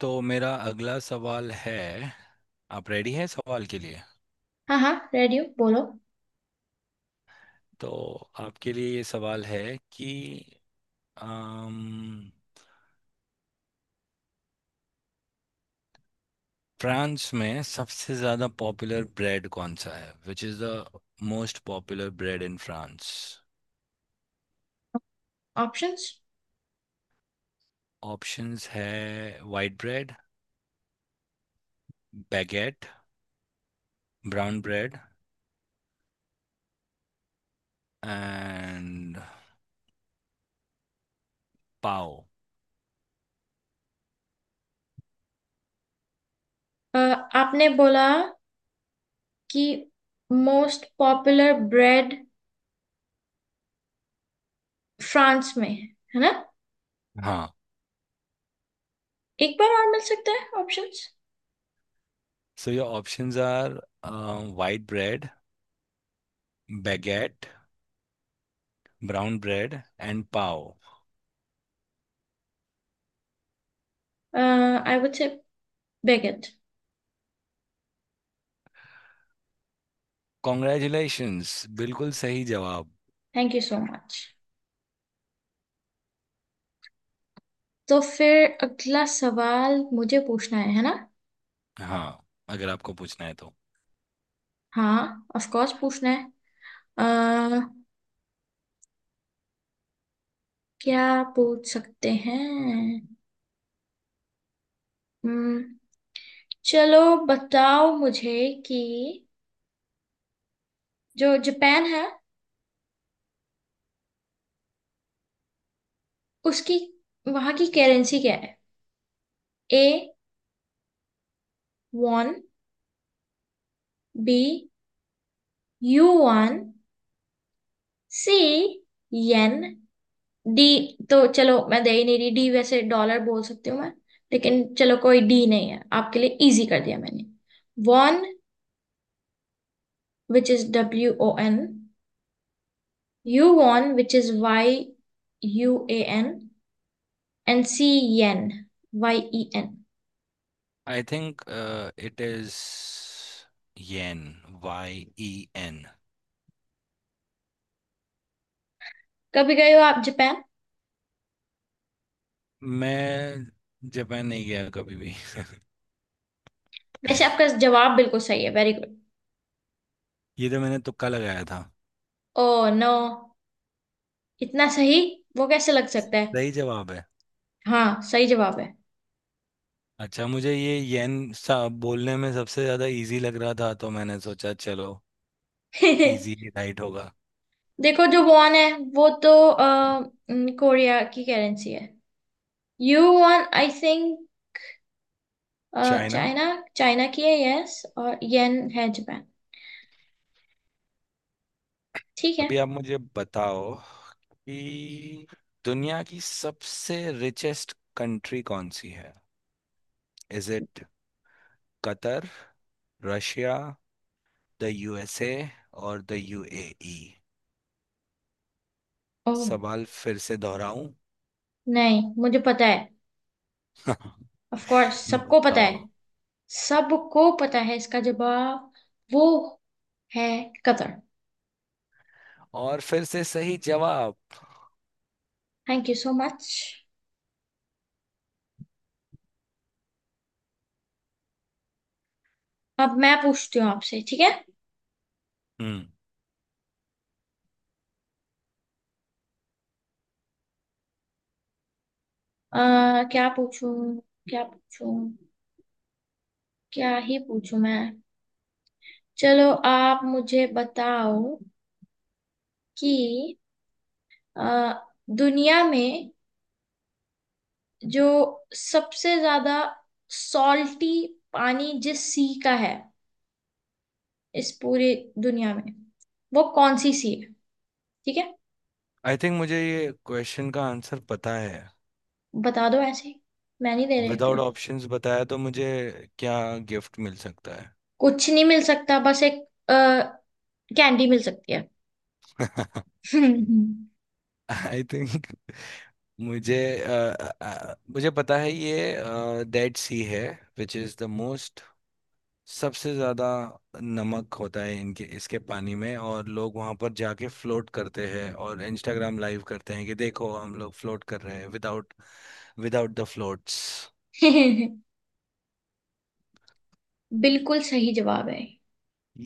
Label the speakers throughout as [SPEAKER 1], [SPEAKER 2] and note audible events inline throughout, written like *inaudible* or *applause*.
[SPEAKER 1] तो मेरा अगला सवाल है। आप रेडी हैं सवाल के लिए?
[SPEAKER 2] हाँ हाँ, रेडियो बोलो।
[SPEAKER 1] तो आपके लिए ये सवाल है कि अम, फ्रांस में सबसे ज़्यादा पॉपुलर ब्रेड कौन सा है? Which is the most popular bread in France.
[SPEAKER 2] Options.
[SPEAKER 1] Options है white bread, baguette, brown bread and pav.
[SPEAKER 2] आपने बोला कि मोस्ट पॉपुलर ब्रेड फ्रांस में है ना?
[SPEAKER 1] हाँ,
[SPEAKER 2] एक बार और मिल सकता है options?
[SPEAKER 1] So your options are white bread, baguette, brown bread and pav.
[SPEAKER 2] I would say baguette.
[SPEAKER 1] Congratulations, बिल्कुल सही जवाब।
[SPEAKER 2] Thank you so much. तो फिर अगला सवाल मुझे पूछना है ना?
[SPEAKER 1] हाँ, अगर आपको पूछना है तो।
[SPEAKER 2] हाँ, ऑफ कोर्स पूछना है। अ, क्या पूछ सकते हैं? Hmm, चलो, बताओ मुझे कि जो जापान है उसकी, वहां की करेंसी क्या है। A won, B yuan, C yen. D तो चलो मैं दे ही नहीं रही, डी वैसे डॉलर बोल सकती हूँ मैं, लेकिन चलो कोई डी नहीं है, आपके लिए इजी कर दिया मैंने। Won which is W O N, U won which is Y U A N, and C yen Y E N.
[SPEAKER 1] I think it is yen, Y E N.
[SPEAKER 2] कभी गए हो आप जापान?
[SPEAKER 1] मैं जापान नहीं गया कभी भी।
[SPEAKER 2] वैसे आपका जवाब बिल्कुल सही है, वेरी गुड।
[SPEAKER 1] *laughs* ये तो मैंने तुक्का लगाया था।
[SPEAKER 2] ओ नो, इतना सही वो कैसे लग सकता है।
[SPEAKER 1] सही जवाब है।
[SPEAKER 2] हाँ सही जवाब है।
[SPEAKER 1] अच्छा, मुझे ये येन सा बोलने में सबसे ज्यादा इजी लग रहा था, तो मैंने सोचा चलो इजी
[SPEAKER 2] *laughs*
[SPEAKER 1] ही राइट होगा।
[SPEAKER 2] देखो, जो वॉन है वो तो न, कोरिया की करेंसी है। Yuan I think.
[SPEAKER 1] China.
[SPEAKER 2] China. China की है, यस। और येन है जापान। ठीक है।
[SPEAKER 1] अभी आप मुझे बताओ कि दुनिया की सबसे रिचेस्ट कंट्री कौन सी है? Is it Qatar, Russia, the USA और द यूएई?
[SPEAKER 2] ओह।
[SPEAKER 1] सवाल फिर से दोहराऊं?
[SPEAKER 2] नहीं, मुझे पता है।
[SPEAKER 1] *laughs*
[SPEAKER 2] ऑफ कोर्स सबको पता है।
[SPEAKER 1] बताओ।
[SPEAKER 2] सबको पता है इसका जवाब। वो है कतर।
[SPEAKER 1] और फिर से सही जवाब।
[SPEAKER 2] Thank you so much. अब मैं पूछती हूँ आपसे, ठीक है?
[SPEAKER 1] हम्म।
[SPEAKER 2] अ, क्या पूछूं? क्या पूछूं? क्या ही पूछूं मैं? चलो, आप मुझे बताओ कि अ, दुनिया में जो सबसे ज्यादा सॉल्टी पानी जिस सी का है, इस पूरी दुनिया में, वो कौन सी सी है? ठीक है,
[SPEAKER 1] आई थिंक मुझे ये क्वेश्चन का आंसर पता है।
[SPEAKER 2] बता दो ऐसे ही। मैं नहीं दे रही
[SPEAKER 1] विदाउट
[SPEAKER 2] फिर।
[SPEAKER 1] ऑप्शंस बताया तो मुझे क्या गिफ्ट मिल सकता
[SPEAKER 2] कुछ नहीं मिल सकता, बस एक कैंडी मिल सकती है।
[SPEAKER 1] है?
[SPEAKER 2] *laughs*
[SPEAKER 1] *laughs* आई थिंक मुझे, अ, मुझे पता है ये डेड सी है। विच इज़ द मोस्ट, सबसे ज़्यादा नमक होता है इनके इसके पानी में, और लोग वहाँ पर जाके फ्लोट करते हैं और इंस्टाग्राम लाइव करते हैं कि देखो हम लोग फ्लोट कर रहे हैं विदाउट, विदाउट द फ्लोट्स।
[SPEAKER 2] बिल्कुल सही जवाब है।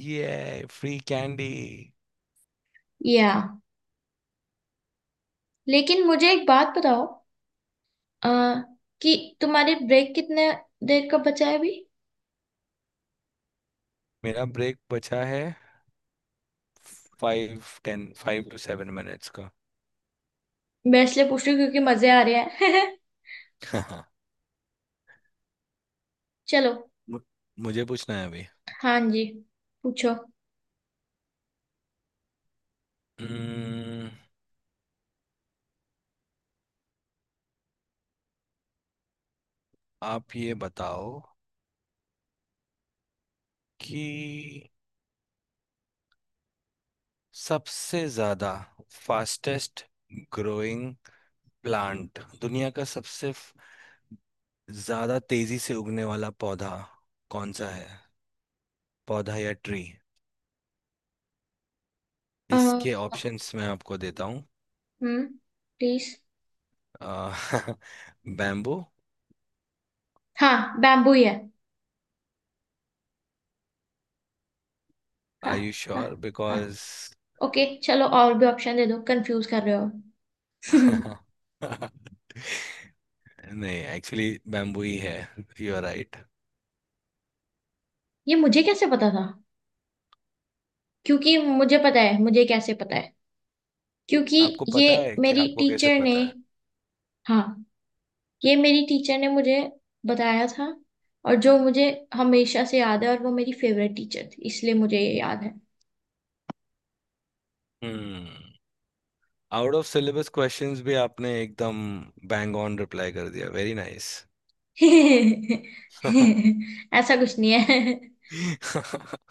[SPEAKER 1] ये फ्री कैंडी।
[SPEAKER 2] या, लेकिन मुझे एक बात बताओ। आ, कि तुम्हारी ब्रेक कितने देर का बचा है अभी?
[SPEAKER 1] मेरा ब्रेक बचा है फाइव टेन 5 to 7 मिनट्स का।
[SPEAKER 2] मैं इसलिए पूछ रही हूँ क्योंकि मजे आ रहे हैं।
[SPEAKER 1] *laughs*
[SPEAKER 2] *laughs* चलो।
[SPEAKER 1] मु- मुझे पूछना है अभी।
[SPEAKER 2] हाँ जी, पूछो।
[SPEAKER 1] Hmm, आप ये बताओ कि सबसे ज्यादा फास्टेस्ट ग्रोइंग प्लांट दुनिया का, ज्यादा तेजी से उगने वाला पौधा कौन सा है? पौधा या ट्री?
[SPEAKER 2] आ,
[SPEAKER 1] इसके ऑप्शंस मैं आपको देता हूँ।
[SPEAKER 2] Hmm, please.
[SPEAKER 1] बैम्बू?
[SPEAKER 2] हाँ, बैम्बू ही है। हाँ
[SPEAKER 1] आर यू
[SPEAKER 2] हाँ
[SPEAKER 1] श्योर
[SPEAKER 2] हाँ।
[SPEAKER 1] बिकॉज
[SPEAKER 2] ओके, चलो और भी ऑप्शन दे दो, कंफ्यूज कर रहे हो। *laughs*
[SPEAKER 1] *laughs* नहीं, एक्चुअली बैम्बू ही है। You are right.
[SPEAKER 2] ये मुझे कैसे पता था? क्योंकि मुझे पता है, मुझे कैसे पता है? क्योंकि
[SPEAKER 1] आपको
[SPEAKER 2] ये
[SPEAKER 1] पता है कि
[SPEAKER 2] मेरी
[SPEAKER 1] आपको कैसे
[SPEAKER 2] टीचर ने,
[SPEAKER 1] पता है?
[SPEAKER 2] हाँ, ये मेरी टीचर ने मुझे बताया था, और जो मुझे हमेशा से याद है, और वो मेरी फेवरेट टीचर थी इसलिए मुझे ये याद है।
[SPEAKER 1] Hmm. Out of syllabus questions भी आपने एकदम बैंग ऑन रिप्लाई कर दिया, वेरी नाइस।
[SPEAKER 2] *laughs* ऐसा कुछ नहीं है। *laughs*
[SPEAKER 1] *laughs*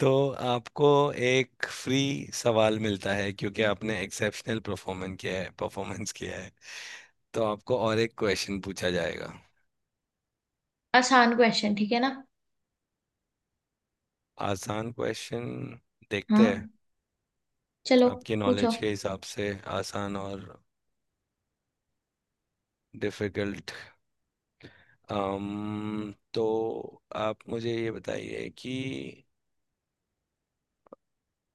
[SPEAKER 1] तो आपको एक फ्री सवाल मिलता है, क्योंकि आपने एक्सेप्शनल परफॉर्मेंस किया है, परफॉर्मेंस किया है। तो आपको और एक क्वेश्चन पूछा जाएगा।
[SPEAKER 2] आसान क्वेश्चन, ठीक है ना?
[SPEAKER 1] आसान क्वेश्चन,
[SPEAKER 2] हाँ,
[SPEAKER 1] देखते हैं।
[SPEAKER 2] चलो।
[SPEAKER 1] आपकी
[SPEAKER 2] पूछो
[SPEAKER 1] नॉलेज के हिसाब से आसान और डिफिकल्ट। तो आप मुझे ये बताइए कि,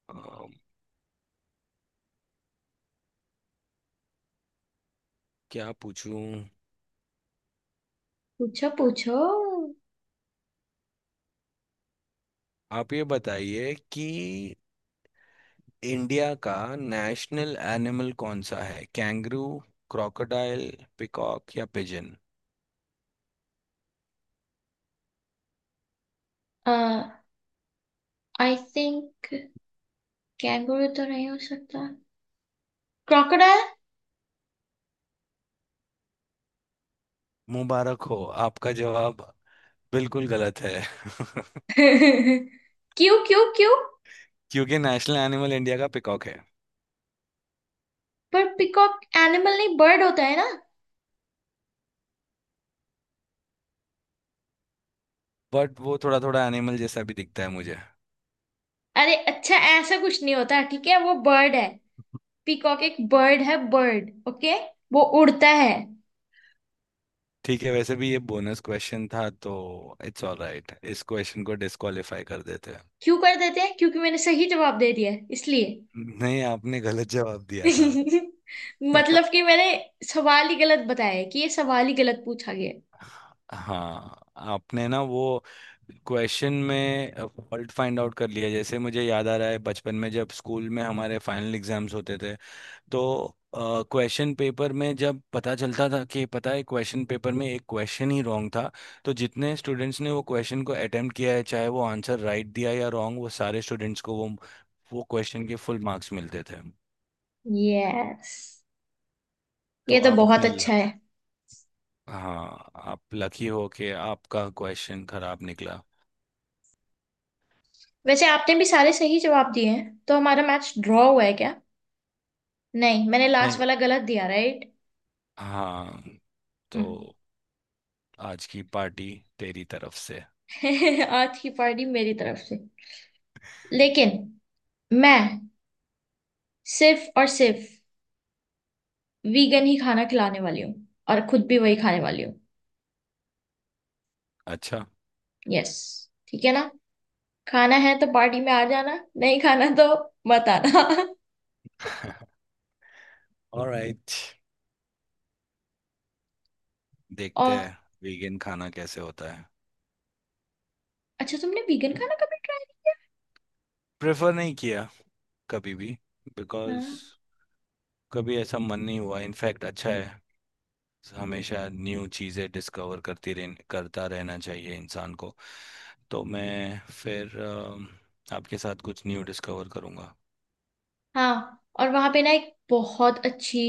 [SPEAKER 1] um, क्या पूछूं।
[SPEAKER 2] पूछो पूछो।
[SPEAKER 1] आप ये बताइए कि इंडिया का नेशनल एनिमल कौन सा है? कैंगरू, क्रोकोडाइल, पिकॉक या पिजन?
[SPEAKER 2] आई थिंक कैंगरू तो नहीं हो सकता। क्रोकोडाइल।
[SPEAKER 1] मुबारक हो, आपका जवाब बिल्कुल गलत है। *laughs*
[SPEAKER 2] *laughs* क्यों क्यों क्यों?
[SPEAKER 1] क्योंकि नेशनल एनिमल इंडिया का पिकॉक है।
[SPEAKER 2] पर पिकॉक एनिमल नहीं, बर्ड होता है ना?
[SPEAKER 1] बट वो थोड़ा थोड़ा एनिमल जैसा भी दिखता है मुझे।
[SPEAKER 2] अरे अच्छा, ऐसा कुछ नहीं होता, ठीक है, वो बर्ड है। पीकॉक एक बर्ड है, बर्ड, ओके। वो उड़ता है।
[SPEAKER 1] ठीक है, वैसे भी ये बोनस क्वेश्चन था, तो इट्स ऑल राइट, इस क्वेश्चन को डिस्क्वालीफाई कर देते हैं।
[SPEAKER 2] क्यों कर देते हैं, क्योंकि मैंने सही जवाब दे दिया है, इसलिए।
[SPEAKER 1] नहीं, आपने गलत जवाब दिया था।
[SPEAKER 2] *laughs*
[SPEAKER 1] *laughs*
[SPEAKER 2] मतलब कि मैंने सवाल ही गलत बताया है, कि ये सवाल ही गलत पूछा गया है।
[SPEAKER 1] हाँ, आपने ना वो क्वेश्चन में फॉल्ट फाइंड आउट कर लिया, जैसे मुझे याद आ रहा है बचपन में जब स्कूल में हमारे फाइनल एग्जाम्स होते थे, तो क्वेश्चन पेपर में जब पता चलता था कि, पता है, क्वेश्चन पेपर में एक क्वेश्चन ही रॉन्ग था, तो जितने स्टूडेंट्स ने वो क्वेश्चन को अटेम्प्ट किया है, चाहे वो आंसर राइट दिया या रॉन्ग, वो सारे स्टूडेंट्स को वो क्वेश्चन के फुल मार्क्स मिलते थे।
[SPEAKER 2] यस,
[SPEAKER 1] तो
[SPEAKER 2] ये तो
[SPEAKER 1] आप
[SPEAKER 2] बहुत
[SPEAKER 1] अपने
[SPEAKER 2] अच्छा
[SPEAKER 1] लक,
[SPEAKER 2] है।
[SPEAKER 1] हाँ, आप लकी हो कि आपका क्वेश्चन खराब निकला।
[SPEAKER 2] वैसे आपने भी सारे सही जवाब दिए हैं, तो हमारा मैच ड्रॉ हुआ है क्या? नहीं, मैंने लास्ट वाला गलत दिया, राइट।
[SPEAKER 1] हाँ, तो आज की पार्टी तेरी तरफ से।
[SPEAKER 2] *laughs* आज की पार्टी मेरी तरफ से, लेकिन मैं सिर्फ और सिर्फ वीगन ही खाना खिलाने वाली हूँ, और खुद भी वही खाने वाली हूँ।
[SPEAKER 1] अच्छा।
[SPEAKER 2] यस, ठीक है ना? खाना है तो पार्टी में आ जाना, नहीं खाना तो मत आना।
[SPEAKER 1] *laughs* ऑलराइट,
[SPEAKER 2] *laughs*
[SPEAKER 1] देखते
[SPEAKER 2] और
[SPEAKER 1] हैं वीगन खाना कैसे होता है।
[SPEAKER 2] अच्छा, तुमने वीगन खाना कभी?
[SPEAKER 1] प्रेफर नहीं किया कभी भी, बिकॉज
[SPEAKER 2] हाँ,
[SPEAKER 1] कभी ऐसा मन नहीं हुआ। इनफैक्ट अच्छा है, हमेशा न्यू चीज़ें डिस्कवर करती रह, करता रहना चाहिए इंसान को। तो मैं फिर आपके साथ कुछ न्यू डिस्कवर करूँगा।
[SPEAKER 2] हाँ, और वहां पे ना एक बहुत अच्छी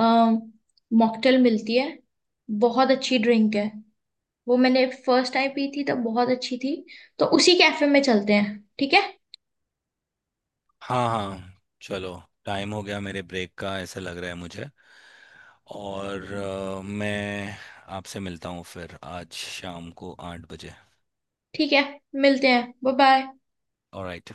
[SPEAKER 2] मॉकटेल मिलती है, बहुत अच्छी ड्रिंक है। वो मैंने फर्स्ट टाइम पी थी तब, बहुत अच्छी थी। तो उसी कैफे में चलते हैं, ठीक है?
[SPEAKER 1] हाँ हाँ, चलो टाइम हो गया मेरे ब्रेक का, ऐसा लग रहा है मुझे। और मैं आपसे मिलता हूँ फिर आज शाम को 8 बजे।
[SPEAKER 2] ठीक है, मिलते हैं, बाय बाय।
[SPEAKER 1] ऑलराइट।